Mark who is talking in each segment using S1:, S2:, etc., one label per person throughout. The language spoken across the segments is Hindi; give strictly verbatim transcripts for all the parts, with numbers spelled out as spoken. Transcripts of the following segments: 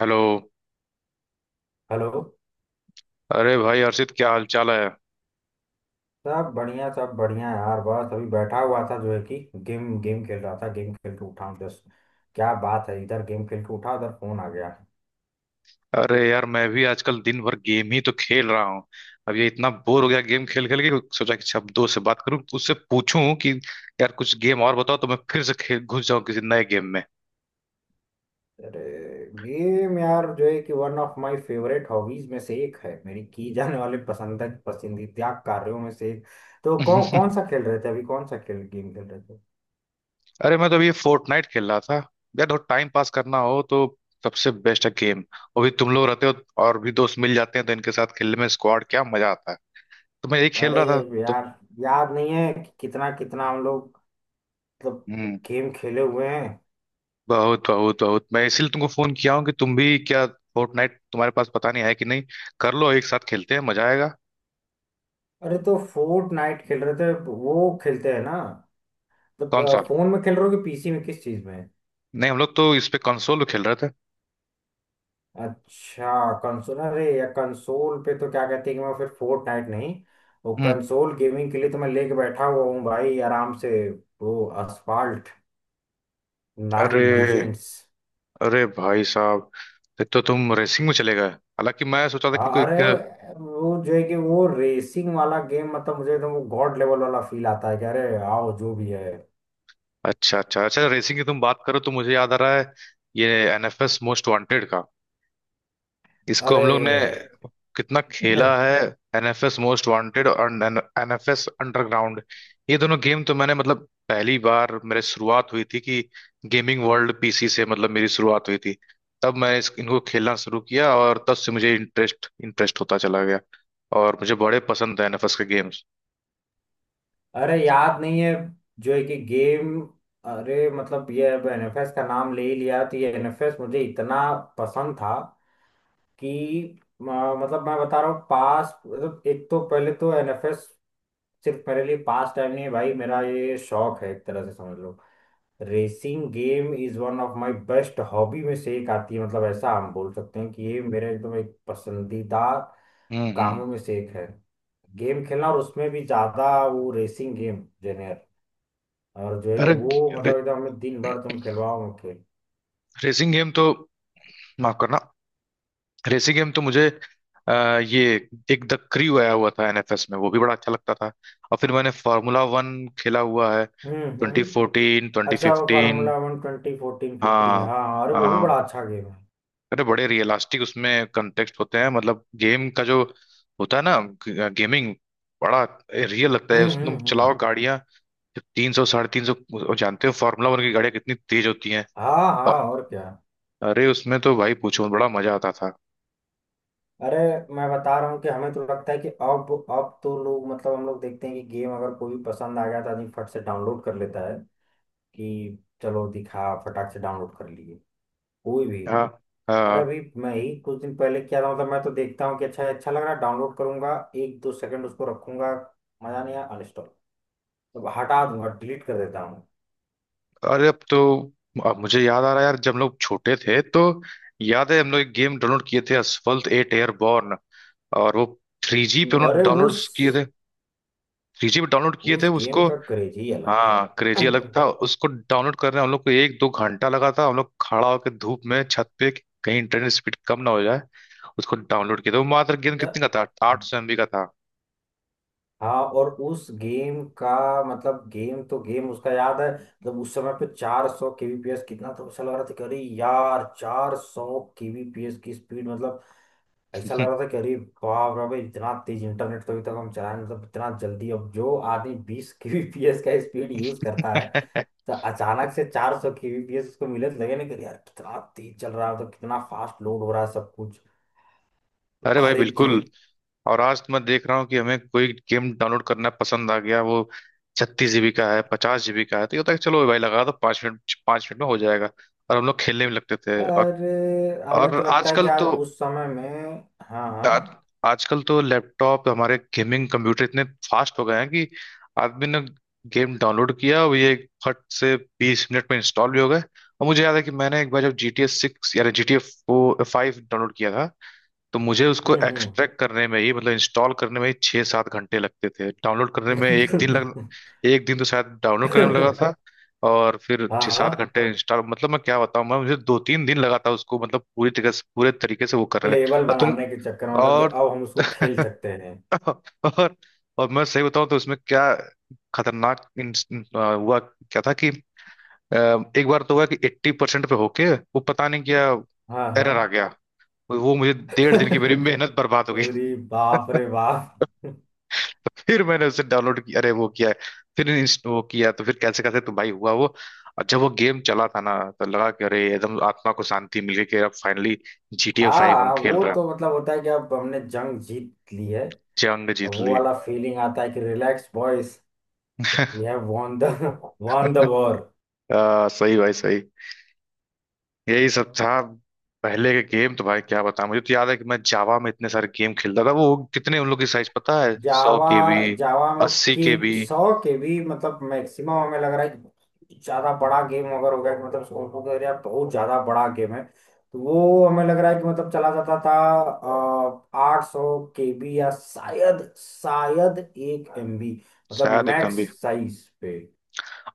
S1: हेलो।
S2: हेलो।
S1: अरे भाई हर्षित, क्या हाल चाल है?
S2: सब बढ़िया सब बढ़िया यार, बस अभी बैठा हुआ था जो है कि गेम गेम खेल रहा था। गेम खेल के उठा हूँ जस्ट। क्या बात है, इधर गेम खेल के उठा उधर फोन आ गया।
S1: अरे यार, मैं भी आजकल दिन भर गेम ही तो खेल रहा हूँ। अब ये इतना बोर हो गया गेम खेल खेल के। सोचा कि अब दोस्त से बात करूँ तो उससे पूछूं कि यार कुछ गेम और बताओ तो मैं फिर से खेल घुस जाऊं किसी नए गेम में।
S2: अरे गेम यार जो है कि one of my favourite hobbies में से एक है, मेरी की जाने वाले पसंद पसंदीदा कार्यों में से एक। तो कौन कौन सा खेल रहे थे अभी? कौन सा खेल गेम खेल रहे थे?
S1: अरे मैं तो अभी ये फोर्टनाइट खेल रहा था। यार थोड़ा टाइम पास करना हो तो सबसे बेस्ट है गेम। और भी तुम लोग रहते हो, और भी दोस्त मिल जाते हैं तो इनके साथ खेलने में स्क्वाड क्या मजा आता है। तो मैं यही खेल
S2: अरे
S1: रहा था। तो
S2: यार, याद नहीं है कि कितना कितना हम लोग, मतलब
S1: हम्म।
S2: गेम खेले हुए हैं।
S1: बहुत बहुत बहुत, मैं इसलिए तुमको फोन किया हूँ कि तुम भी क्या फोर्टनाइट तुम्हारे पास पता नहीं है कि नहीं, कर लो एक साथ खेलते हैं मजा आएगा।
S2: अरे तो फोर्ट नाइट खेल रहे थे, वो खेलते हैं ना।
S1: कौन सा?
S2: मतलब फोन में खेल रहे हो कि पीसी में, किस चीज में?
S1: नहीं, हम लोग तो इस पे कंसोल खेल रहे थे।
S2: अच्छा कंसोल। अरे या कंसोल पे तो क्या कहते हैं कि मैं फिर फोर्ट नाइट नहीं, वो
S1: हम्म।
S2: कंसोल गेमिंग के लिए तो मैं लेके बैठा हुआ हूँ भाई आराम से। वो असफाल्ट नाइन
S1: अरे,
S2: लीजेंड्स।
S1: अरे भाई साहब, ये तो तुम रेसिंग में चले गए, हालांकि मैं सोचा था कि कोई
S2: अरे
S1: एक-
S2: वो जो है कि वो रेसिंग वाला गेम, मतलब मुझे तो वो गॉड लेवल वाला फील आता है कि अरे आओ जो भी है।
S1: अच्छा अच्छा अच्छा, रेसिंग की तुम बात करो तो मुझे याद आ रहा है ये एनएफएस मोस्ट वांटेड का। इसको हम
S2: अरे
S1: लोग ने कितना खेला है! एनएफएस मोस्ट वांटेड और एनएफएस अंडरग्राउंड, ये दोनों गेम तो मैंने, मतलब पहली बार मेरे शुरुआत हुई थी कि गेमिंग वर्ल्ड पीसी से, मतलब मेरी शुरुआत हुई थी। तब मैं इस, इनको खेलना शुरू किया और तब से मुझे इंटरेस्ट इंटरेस्ट होता चला गया, और मुझे बड़े पसंद है एनएफएस के गेम्स।
S2: अरे याद नहीं है जो है कि गेम। अरे मतलब ये एनएफएस का नाम ले ही लिया तो ये एनएफएस मुझे इतना पसंद था कि अ, मतलब मैं बता रहा हूँ पास, मतलब एक तो पहले तो एनएफएस सिर्फ मेरे लिए पास टाइम नहीं है भाई, मेरा ये शौक है एक तरह से समझ लो। Racing game is one of my best hobby में से एक आती है, मतलब ऐसा हम बोल सकते हैं कि ये मेरा एकदम एक पसंदीदा
S1: हम्म हम्म।
S2: कामों में से एक है। गेम खेलना और उसमें भी ज्यादा वो रेसिंग गेम। और जो है
S1: अरे,
S2: कि वो
S1: रे,
S2: मतलब एकदम हमें दिन भर तुम खिलवाओ खेल।
S1: रेसिंग गेम तो, माफ करना, रेसी गेम तो मुझे अ, ये एक द क्रू आया हुआ था एनएफएस में, वो भी बड़ा अच्छा लगता था। और फिर मैंने फार्मूला वन खेला हुआ है,
S2: हम्म
S1: ट्वेंटी
S2: हम्म।
S1: फोर्टीन ट्वेंटी
S2: अच्छा वो
S1: fifteen
S2: formula one twenty fourteen fifteen,
S1: हाँ
S2: हाँ हाँ, अरे वो भी
S1: हाँ।
S2: बड़ा अच्छा गेम है।
S1: अरे बड़े रियलिस्टिक उसमें कंटेक्स्ट होते हैं, मतलब गेम का जो होता है ना, गेमिंग, बड़ा रियल लगता है
S2: हम्म
S1: उसमें तुम
S2: हम्म हम्म।
S1: चलाओ गाड़ियाँ तीन सौ साढ़े तीन सौ। और जानते हो फार्मूला वन की गाड़ियाँ कितनी तेज होती हैं?
S2: हाँ हाँ
S1: अ-
S2: और क्या।
S1: अरे उसमें तो भाई पूछो बड़ा मजा आता था।
S2: अरे मैं बता रहा हूँ कि हमें तो लगता है कि अब अब तो लोग, मतलब हम लोग देखते हैं कि गेम अगर कोई भी पसंद आ गया तो आदमी फट से डाउनलोड कर लेता है कि चलो दिखा, फटाक से डाउनलोड कर लिए कोई भी।
S1: हाँ
S2: अरे
S1: हाँ।
S2: अभी मैं ही कुछ दिन पहले किया था, मतलब मैं तो देखता हूँ कि अच्छा अच्छा लग रहा है डाउनलोड करूंगा, एक दो सेकंड उसको रखूंगा, मजा नहीं आया अनइंस्टॉल, मतलब हटा दूंगा डिलीट कर देता हूँ।
S1: अरे, अब तो, अब मुझे याद आ रहा है यार जब हम लोग छोटे थे तो याद है हम लोग एक गेम डाउनलोड किए थे, असफल्ट एट एयरबॉर्न, और वो थ्री जी पे उन्होंने
S2: अरे
S1: डाउनलोड
S2: उस
S1: किए थे, थ्री जी पे डाउनलोड किए थे
S2: उस गेम
S1: उसको।
S2: का क्रेज ही अलग
S1: हाँ,
S2: था।
S1: क्रेजी अलग था, उसको डाउनलोड करने में हम लोग को एक दो घंटा लगा था। हम लोग खड़ा होकर धूप में छत पे कि कहीं इंटरनेट स्पीड कम ना हो जाए, उसको डाउनलोड किया था। वो मात्र गेम कितने
S2: तो-
S1: का था? आठ सौ एमबी का था।
S2: हाँ और उस गेम का मतलब गेम तो गेम उसका याद है, मतलब उस समय पे चार सौ kbps कितना, तो ऐसा लग रहा था कि अरे यार चार सौ kbps की स्पीड मतलब, ऐसा लग रहा था कि अरे बाप रे भाई इतना तेज इंटरनेट तो अभी तक हम चलाए नहीं, मतलब इतना जल्दी। अब जो आदमी बीस kbps का स्पीड यूज करता है तो अचानक से चार सौ kbps उसको मिले तो लगे ना कि यार कितना तेज चल रहा है, तो कितना फास्ट लोड हो रहा है सब कुछ,
S1: अरे भाई
S2: हर एक
S1: बिल्कुल,
S2: चीज।
S1: और आज तो मैं देख रहा हूँ कि हमें कोई गेम डाउनलोड करना पसंद आ गया, वो छत्तीस जीबी का है, पचास जीबी का है, तो ये होता है कि चलो भाई लगा दो पाँच मिनट, पाँच मिनट में हो जाएगा। और हम लोग खेलने में लगते थे, और
S2: अरे हमें
S1: और
S2: तो लगता है कि
S1: आजकल
S2: यार
S1: तो
S2: उस समय में, हाँ
S1: आज,
S2: हाँ,
S1: आजकल तो लैपटॉप हमारे गेमिंग कंप्यूटर इतने फास्ट हो गए हैं कि आदमी ने गेम डाउनलोड किया और ये फट से बीस मिनट में इंस्टॉल भी हो गए। और मुझे याद है कि मैंने एक बार जब जी टी ए सिक्स यानी G T A five download किया था, तो मुझे उसको
S2: हम्म
S1: एक्सट्रैक्ट करने में ही, मतलब इंस्टॉल करने में ही छः सात घंटे लगते थे, डाउनलोड करने में एक दिन लग,
S2: हम्म,
S1: एक दिन तो शायद डाउनलोड करने में लगा था, और फिर
S2: हाँ
S1: छः
S2: हाँ।
S1: सात घंटे इंस्टॉल, मतलब मैं क्या बताऊं, मैं मुझे दो तीन दिन लगा था उसको, मतलब पूरी तरीके से पूरे तरीके से वो करने में।
S2: लेवल
S1: और तुम
S2: बनाने के चक्कर में, मतलब कि
S1: और
S2: अब हम उसको खेल सकते हैं।
S1: और और मैं सही बताऊं तो उसमें क्या खतरनाक इन- आ, हुआ क्या था कि आ, एक बार तो हुआ कि एट्टी परसेंट पे होके वो पता नहीं क्या
S2: हाँ हाँ,
S1: एरर आ गया, वो मुझे डेढ़ दिन की मेरी
S2: अरे
S1: मेहनत बर्बाद हो।
S2: बाप रे बाप।
S1: तो फिर मैंने उसे डाउनलोड किया, अरे वो किया है, फिर इंस्ट वो किया तो फिर कैसे कैसे तो भाई हुआ वो। और जब वो गेम चला था ना तो लगा कि अरे एकदम आत्मा को शांति मिल गई कि अब finally G T A five हम
S2: हाँ
S1: खेल
S2: वो
S1: रहे हैं।
S2: तो मतलब होता है कि अब हमने जंग जीत ली है।
S1: जंग
S2: और
S1: जीत
S2: वो
S1: ली।
S2: वाला फीलिंग आता है कि relax boys, We have won the won the war।
S1: आ, सही भाई सही, यही सब था। पहले के गेम तो भाई क्या बताऊं, मुझे तो याद है कि मैं जावा में इतने सारे गेम खेलता था, वो कितने उन लोग की साइज पता है? सौ
S2: जावा
S1: के बी
S2: जावा
S1: अस्सी के
S2: की
S1: बी
S2: सौ के भी, मतलब मैक्सिमम हमें लग रहा है कि ज्यादा बड़ा गेम अगर हो गया कि मतलब सोचो कि अरे यार बहुत ज्यादा बड़ा गेम है तो वो हमें लग रहा है कि मतलब चला जाता था आठ सौ के बी या शायद शायद एक एम बी, मतलब
S1: शायद एक कम
S2: मैक्स
S1: भी।
S2: साइज पे।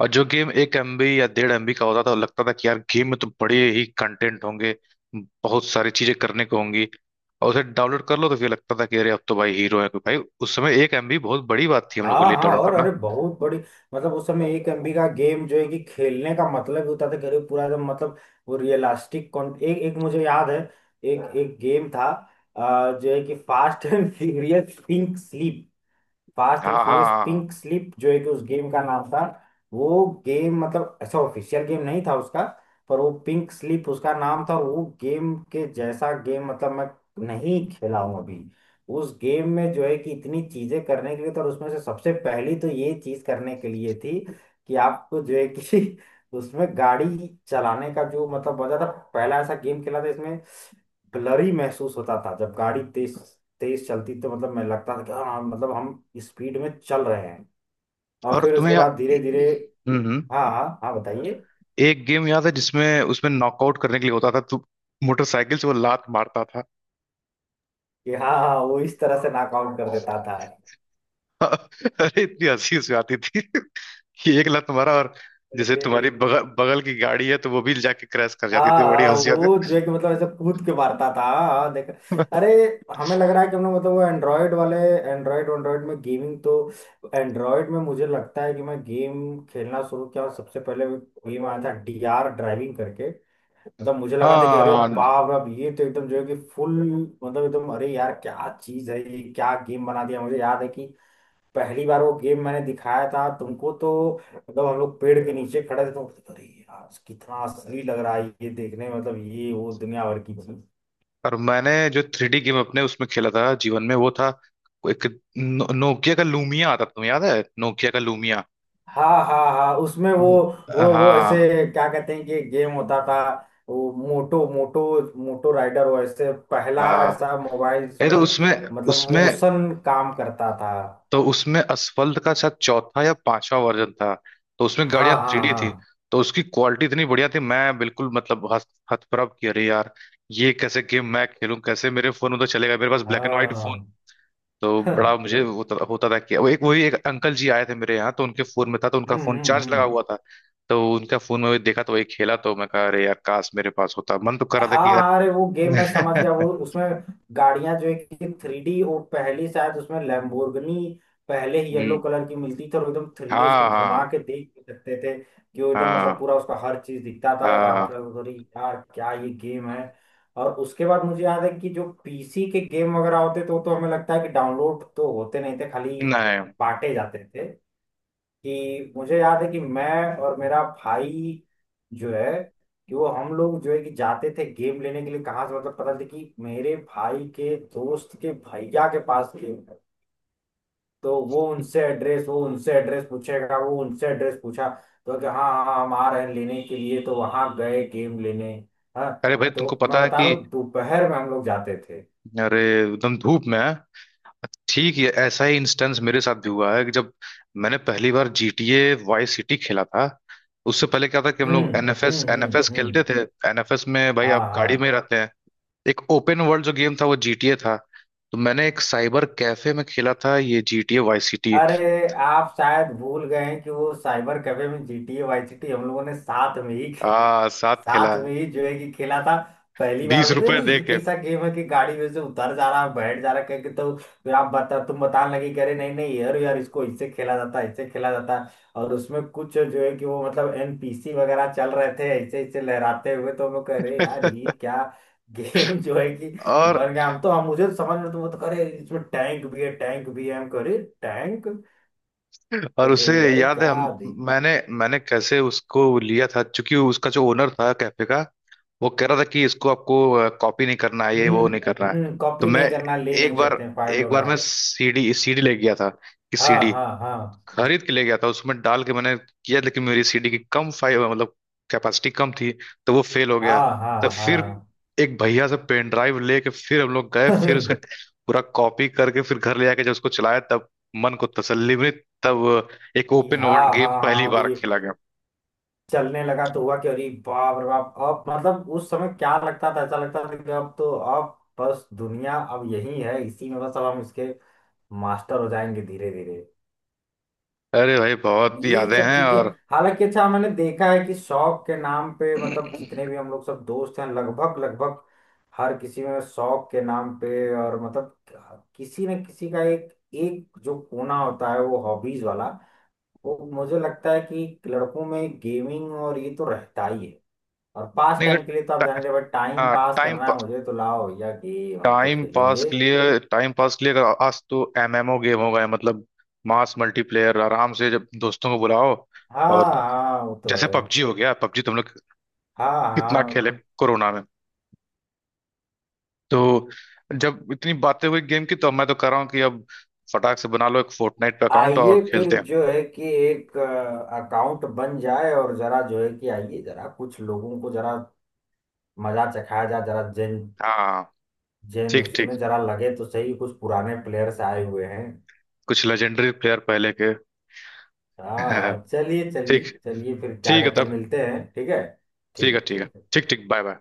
S1: और जो गेम एक एमबी या डेढ़ एमबी का होता था वो लगता था कि यार गेम में तो बड़े ही कंटेंट होंगे, बहुत सारी चीजें करने को होंगी। और उसे डाउनलोड कर लो तो फिर लगता था कि अरे अब तो भाई हीरो है कोई, भाई उस समय एक एमबी बहुत बड़ी बात थी हम लोग के
S2: हाँ
S1: लिए
S2: हाँ,
S1: डाउनलोड
S2: और अरे
S1: करना।
S2: बहुत बड़ी, मतलब उस समय एक एमबी का गेम जो है कि खेलने का मतलब ही होता था करीब पूरा एकदम, मतलब वो रियलिस्टिक कॉन, एक एक मुझे याद है एक एक गेम था अ, जो है कि fast and furious think, fast and
S1: हाँ हाँ
S2: फ्यूरियस
S1: हाँ।
S2: पिंक स्लिप जो है कि उस गेम का नाम था। वो गेम मतलब ऐसा ऑफिशियल गेम नहीं था उसका, पर वो पिंक स्लिप उसका नाम था। और वो गेम के जैसा गेम मतलब मैं नहीं खेला हूं अभी। उस गेम में जो है कि इतनी चीजें करने के लिए तो, और उसमें से सबसे पहली तो ये चीज करने के लिए थी कि आपको जो है कि उसमें गाड़ी चलाने का जो मतलब मजा था, पहला ऐसा गेम खेला था इसमें ब्लरी महसूस होता था जब गाड़ी तेज तेज चलती तो, मतलब मैं लगता था कि हाँ, मतलब हम स्पीड में चल रहे हैं। और
S1: और
S2: फिर
S1: तुम्हें
S2: उसके
S1: याद,
S2: बाद धीरे धीरे,
S1: हम्म हम्म।
S2: हाँ हाँ हाँ बताइए।
S1: एक गेम याद है जिसमें, उसमें नॉकआउट करने के लिए होता था, तू मोटरसाइकिल से वो लात मारता था।
S2: कि हाँ हाँ, वो इस तरह से नॉकआउट कर देता था।
S1: अरे इतनी हंसी उसमें आती थी कि एक लात मारा और जैसे
S2: अरे
S1: तुम्हारी बगल बगल की गाड़ी है तो वो भी जाके क्रैश कर
S2: हाँ
S1: जाती थी, बड़ी
S2: हाँ,
S1: हंसी आती
S2: वो जो है कि मतलब ऐसे कूद के मारता था, हाँ हाँ, देख।
S1: थी।
S2: अरे हमें लग रहा है कि हमने मतलब वो एंड्रॉयड वाले एंड्रॉयड एंड्रॉयड में गेमिंग तो, एंड्रॉयड में मुझे लगता है कि मैं गेम खेलना शुरू किया और सबसे पहले गेम आया था डीआर ड्राइविंग करके, मतलब मुझे लगा था कि
S1: हाँ।
S2: अरे
S1: और
S2: बाप रे, अब ये तो एकदम जो है कि फुल, मतलब एकदम अरे यार क्या चीज है, ये क्या गेम बना दिया। मुझे याद है कि पहली बार वो गेम मैंने दिखाया था तुमको तो, मतलब हम लोग पेड़ के नीचे खड़े थे तो अरे यार कितना असली लग रहा है ये देखने में, मतलब ये वो दुनिया भर की चीज।
S1: और मैंने जो थ्री डी गेम अपने उसमें खेला था जीवन में, वो था एक, नो, नोकिया का लूमिया आता था, तुम्हें याद है नोकिया का लूमिया?
S2: हाँ हाँ हाँ, उसमें वो, वो वो ऐसे
S1: हाँ
S2: क्या कहते हैं कि गेम होता था। वो मोटो मोटो मोटो राइडर, वो ऐसे पहला
S1: हाँ,
S2: ऐसा मोबाइल
S1: ये तो
S2: जिसमें
S1: उसमें,
S2: मतलब
S1: उसमें,
S2: मोशन काम करता था।
S1: तो उसमें असफल्ट का शायद चौथा या पांचवा वर्जन था। तो उसमें
S2: हाँ
S1: गाड़ियां थ्री डी थी,
S2: हाँ
S1: तो उसकी क्वालिटी इतनी बढ़िया थी, मैं बिल्कुल, मतलब हत- हतप्रभ कि अरे यार ये कैसे गेम, मैं खेलूं कैसे, मेरे फोन में तो चलेगा, मेरे पास ब्लैक एंड व्हाइट।
S2: हाँ
S1: तो
S2: हाँ।
S1: बड़ा मुझे होता होता था कि वो, एक वही, एक अंकल जी आए थे मेरे यहाँ तो उनके फोन में था तो उनका
S2: हम्म
S1: फोन
S2: हम्म
S1: चार्ज लगा
S2: हम्म।
S1: हुआ था, तो उनका फोन में देखा तो वही खेला, तो मैं कहा अरे यार काश मेरे पास होता, मन तो कर
S2: हाँ
S1: रहा था कि
S2: हाँ, अरे वो गेम मैं समझ गया,
S1: यार।
S2: वो उसमें गाड़ियां जो है कि थ्री डी, वो पहली शायद उसमें लैम्बोर्गिनी पहले ही येलो
S1: हम्म।
S2: कलर की मिलती थी, और एकदम थ्री डी,
S1: हाँ
S2: उसको घुमा
S1: हाँ
S2: के देख भी सकते थे कि वो एकदम मतलब
S1: हाँ।
S2: पूरा उसका हर चीज दिखता था।
S1: हाँ।
S2: आंकड़ा उधरी यार क्या ये गेम है। और उसके बाद मुझे याद है कि जो पीसी के गेम वगैरह होते तो तो हमें लगता है कि डाउनलोड तो होते नहीं थे, खाली
S1: नहीं।
S2: बांटे जाते थे। कि मुझे याद है कि मैं और मेरा भाई जो है कि, वो हम लोग जो है कि जाते थे गेम लेने के लिए कहाँ से, मतलब पता चला कि मेरे भाई के दोस्त के भैया के पास गेम है तो वो उनसे एड्रेस, वो उनसे एड्रेस पूछेगा, वो उनसे एड्रेस पूछा तो कि हाँ हाँ हाँ, हम आ रहे हैं लेने के लिए तो वहां गए गेम लेने। हाँ
S1: अरे भाई तुमको
S2: तो मैं
S1: पता है
S2: बता
S1: कि,
S2: रहा हूँ दोपहर में हम लोग जाते थे।
S1: अरे एकदम धूप में है। ठीक है, ऐसा ही इंस्टेंस मेरे साथ भी हुआ है कि जब मैंने पहली बार G T A vice City खेला था। उससे पहले क्या था कि हम
S2: हम्म
S1: लोग N F S
S2: हम्म
S1: N F S
S2: हम्म हम्म।
S1: खेलते थे। N F S में भाई
S2: हाँ
S1: आप गाड़ी में ही
S2: हाँ।
S1: रहते हैं, एक ओपन वर्ल्ड जो गेम था वो G T A था। तो मैंने एक साइबर कैफे में खेला था ये G T A vice City,
S2: अरे आप शायद भूल गए हैं कि वो साइबर कैफे में G T A Y GT हम लोगों ने साथ में ही,
S1: आ साथ
S2: साथ
S1: खेला है,
S2: में ही जो है कि खेला था। पहली बार
S1: बीस
S2: उनको
S1: रुपए
S2: अरे
S1: दे
S2: ये
S1: के।
S2: कैसा गेम है कि गाड़ी में से उतर जा रहा है बैठ जा रहा है कह के, तो फिर आप बता तुम बताने लगे कि अरे नहीं नहीं यार यार इसको इससे खेला जाता है, इससे खेला जाता है। और उसमें कुछ जो है कि वो मतलब एनपीसी वगैरह चल रहे थे ऐसे ऐसे लहराते हुए तो हम लोग कह रहे यार ये क्या गेम जो है कि
S1: और
S2: बन गया, हम तो हम मुझे तो समझ में तो वो तो करे इसमें टैंक भी है, टैंक भी है हम कह रहे टैंक,
S1: और उसे
S2: तो अरे
S1: याद है हम,
S2: क्या दिन।
S1: मैंने मैंने कैसे उसको लिया था क्योंकि उसका जो ओनर था कैफे का, वो कह रहा था कि इसको आपको कॉपी नहीं करना है, ये वो नहीं
S2: हम्म
S1: करना है।
S2: हम्म।
S1: तो
S2: कॉपी
S1: मैं
S2: नहीं करना, ले
S1: एक
S2: नहीं
S1: बार,
S2: सकते हैं फाइल
S1: एक बार मैं
S2: वगैरह।
S1: सीडी सीडी ले गया था, कि
S2: हाँ
S1: सीडी
S2: हाँ हाँ
S1: खरीद के ले गया था उसमें डाल के मैंने किया, लेकिन मेरी सीडी की कम फाइल मतलब कैपेसिटी कम थी, तो वो फेल हो गया।
S2: हाँ
S1: तो
S2: हाँ
S1: फिर
S2: हाँ
S1: एक भैया से पेन ड्राइव लेके फिर हम लोग गए, फिर उसका पूरा कॉपी करके फिर घर ले आके जब उसको चलाया, तब मन को तसल्ली मिली, तब एक
S2: ये
S1: ओपन वर्ल्ड
S2: हाँ
S1: गेम
S2: हाँ
S1: पहली
S2: हाँ। अब
S1: बार
S2: ये
S1: खेला गया।
S2: चलने लगा तो हुआ कि अरे बाप रे बाप, अब मतलब उस समय क्या लगता था, ऐसा लगता था कि अब तो अब बस दुनिया अब यही है, इसी में बस अब हम इसके मास्टर हो जाएंगे धीरे धीरे।
S1: अरे भाई बहुत
S2: ये
S1: यादें
S2: सब
S1: हैं,
S2: चीजें,
S1: और
S2: हालांकि अच्छा मैंने देखा है कि शौक के नाम पे, मतलब जितने भी हम लोग सब दोस्त हैं लगभग लगभग हर किसी में शौक के नाम पे, और मतलब किसी न किसी का एक, एक जो कोना होता है वो हॉबीज वाला, वो मुझे लगता है कि लड़कों में गेमिंग और ये तो रहता ही है। और पास
S1: नहीं,
S2: टाइम के लिए तो आप जाने भाई, टाइम पास
S1: टाइम
S2: करना है मुझे तो लाओ भैया गेम हम तो
S1: टाइम पास
S2: खेलेंगे।
S1: के लिए, टाइम पास के लिए अगर आज तो एमएमओ गेम हो गए, मतलब मास मल्टीप्लेयर, आराम से जब दोस्तों को बुलाओ,
S2: हाँ
S1: और
S2: हाँ वो तो
S1: जैसे
S2: है।
S1: पबजी हो गया, पबजी तुम लोग
S2: हाँ
S1: कितना
S2: हाँ।
S1: खेले कोरोना में। तो जब इतनी बातें हुई गेम की, तो मैं तो कर रहा हूँ कि अब फटाक से बना लो एक फोर्टनाइट पे अकाउंट और
S2: आइए फिर
S1: खेलते हैं।
S2: जो है कि एक अकाउंट बन जाए, और जरा जो है कि आइए जरा कुछ लोगों को जरा मजा चखाया जाए, जरा जैन
S1: हाँ,
S2: जैन
S1: ठीक
S2: उसमें
S1: ठीक।
S2: जरा लगे तो सही, कुछ पुराने प्लेयर्स आए हुए हैं।
S1: कुछ लेजेंडरी प्लेयर पहले के।
S2: हाँ चलिए चलिए
S1: ठीक,
S2: चलिए फिर क्या
S1: ठीक है
S2: कहते हैं,
S1: तब,
S2: मिलते हैं ठीक है।
S1: ठीक है,
S2: ठीक
S1: ठीक है,
S2: ठीक है
S1: ठीक
S2: ठीक।
S1: ठीक, बाय बाय।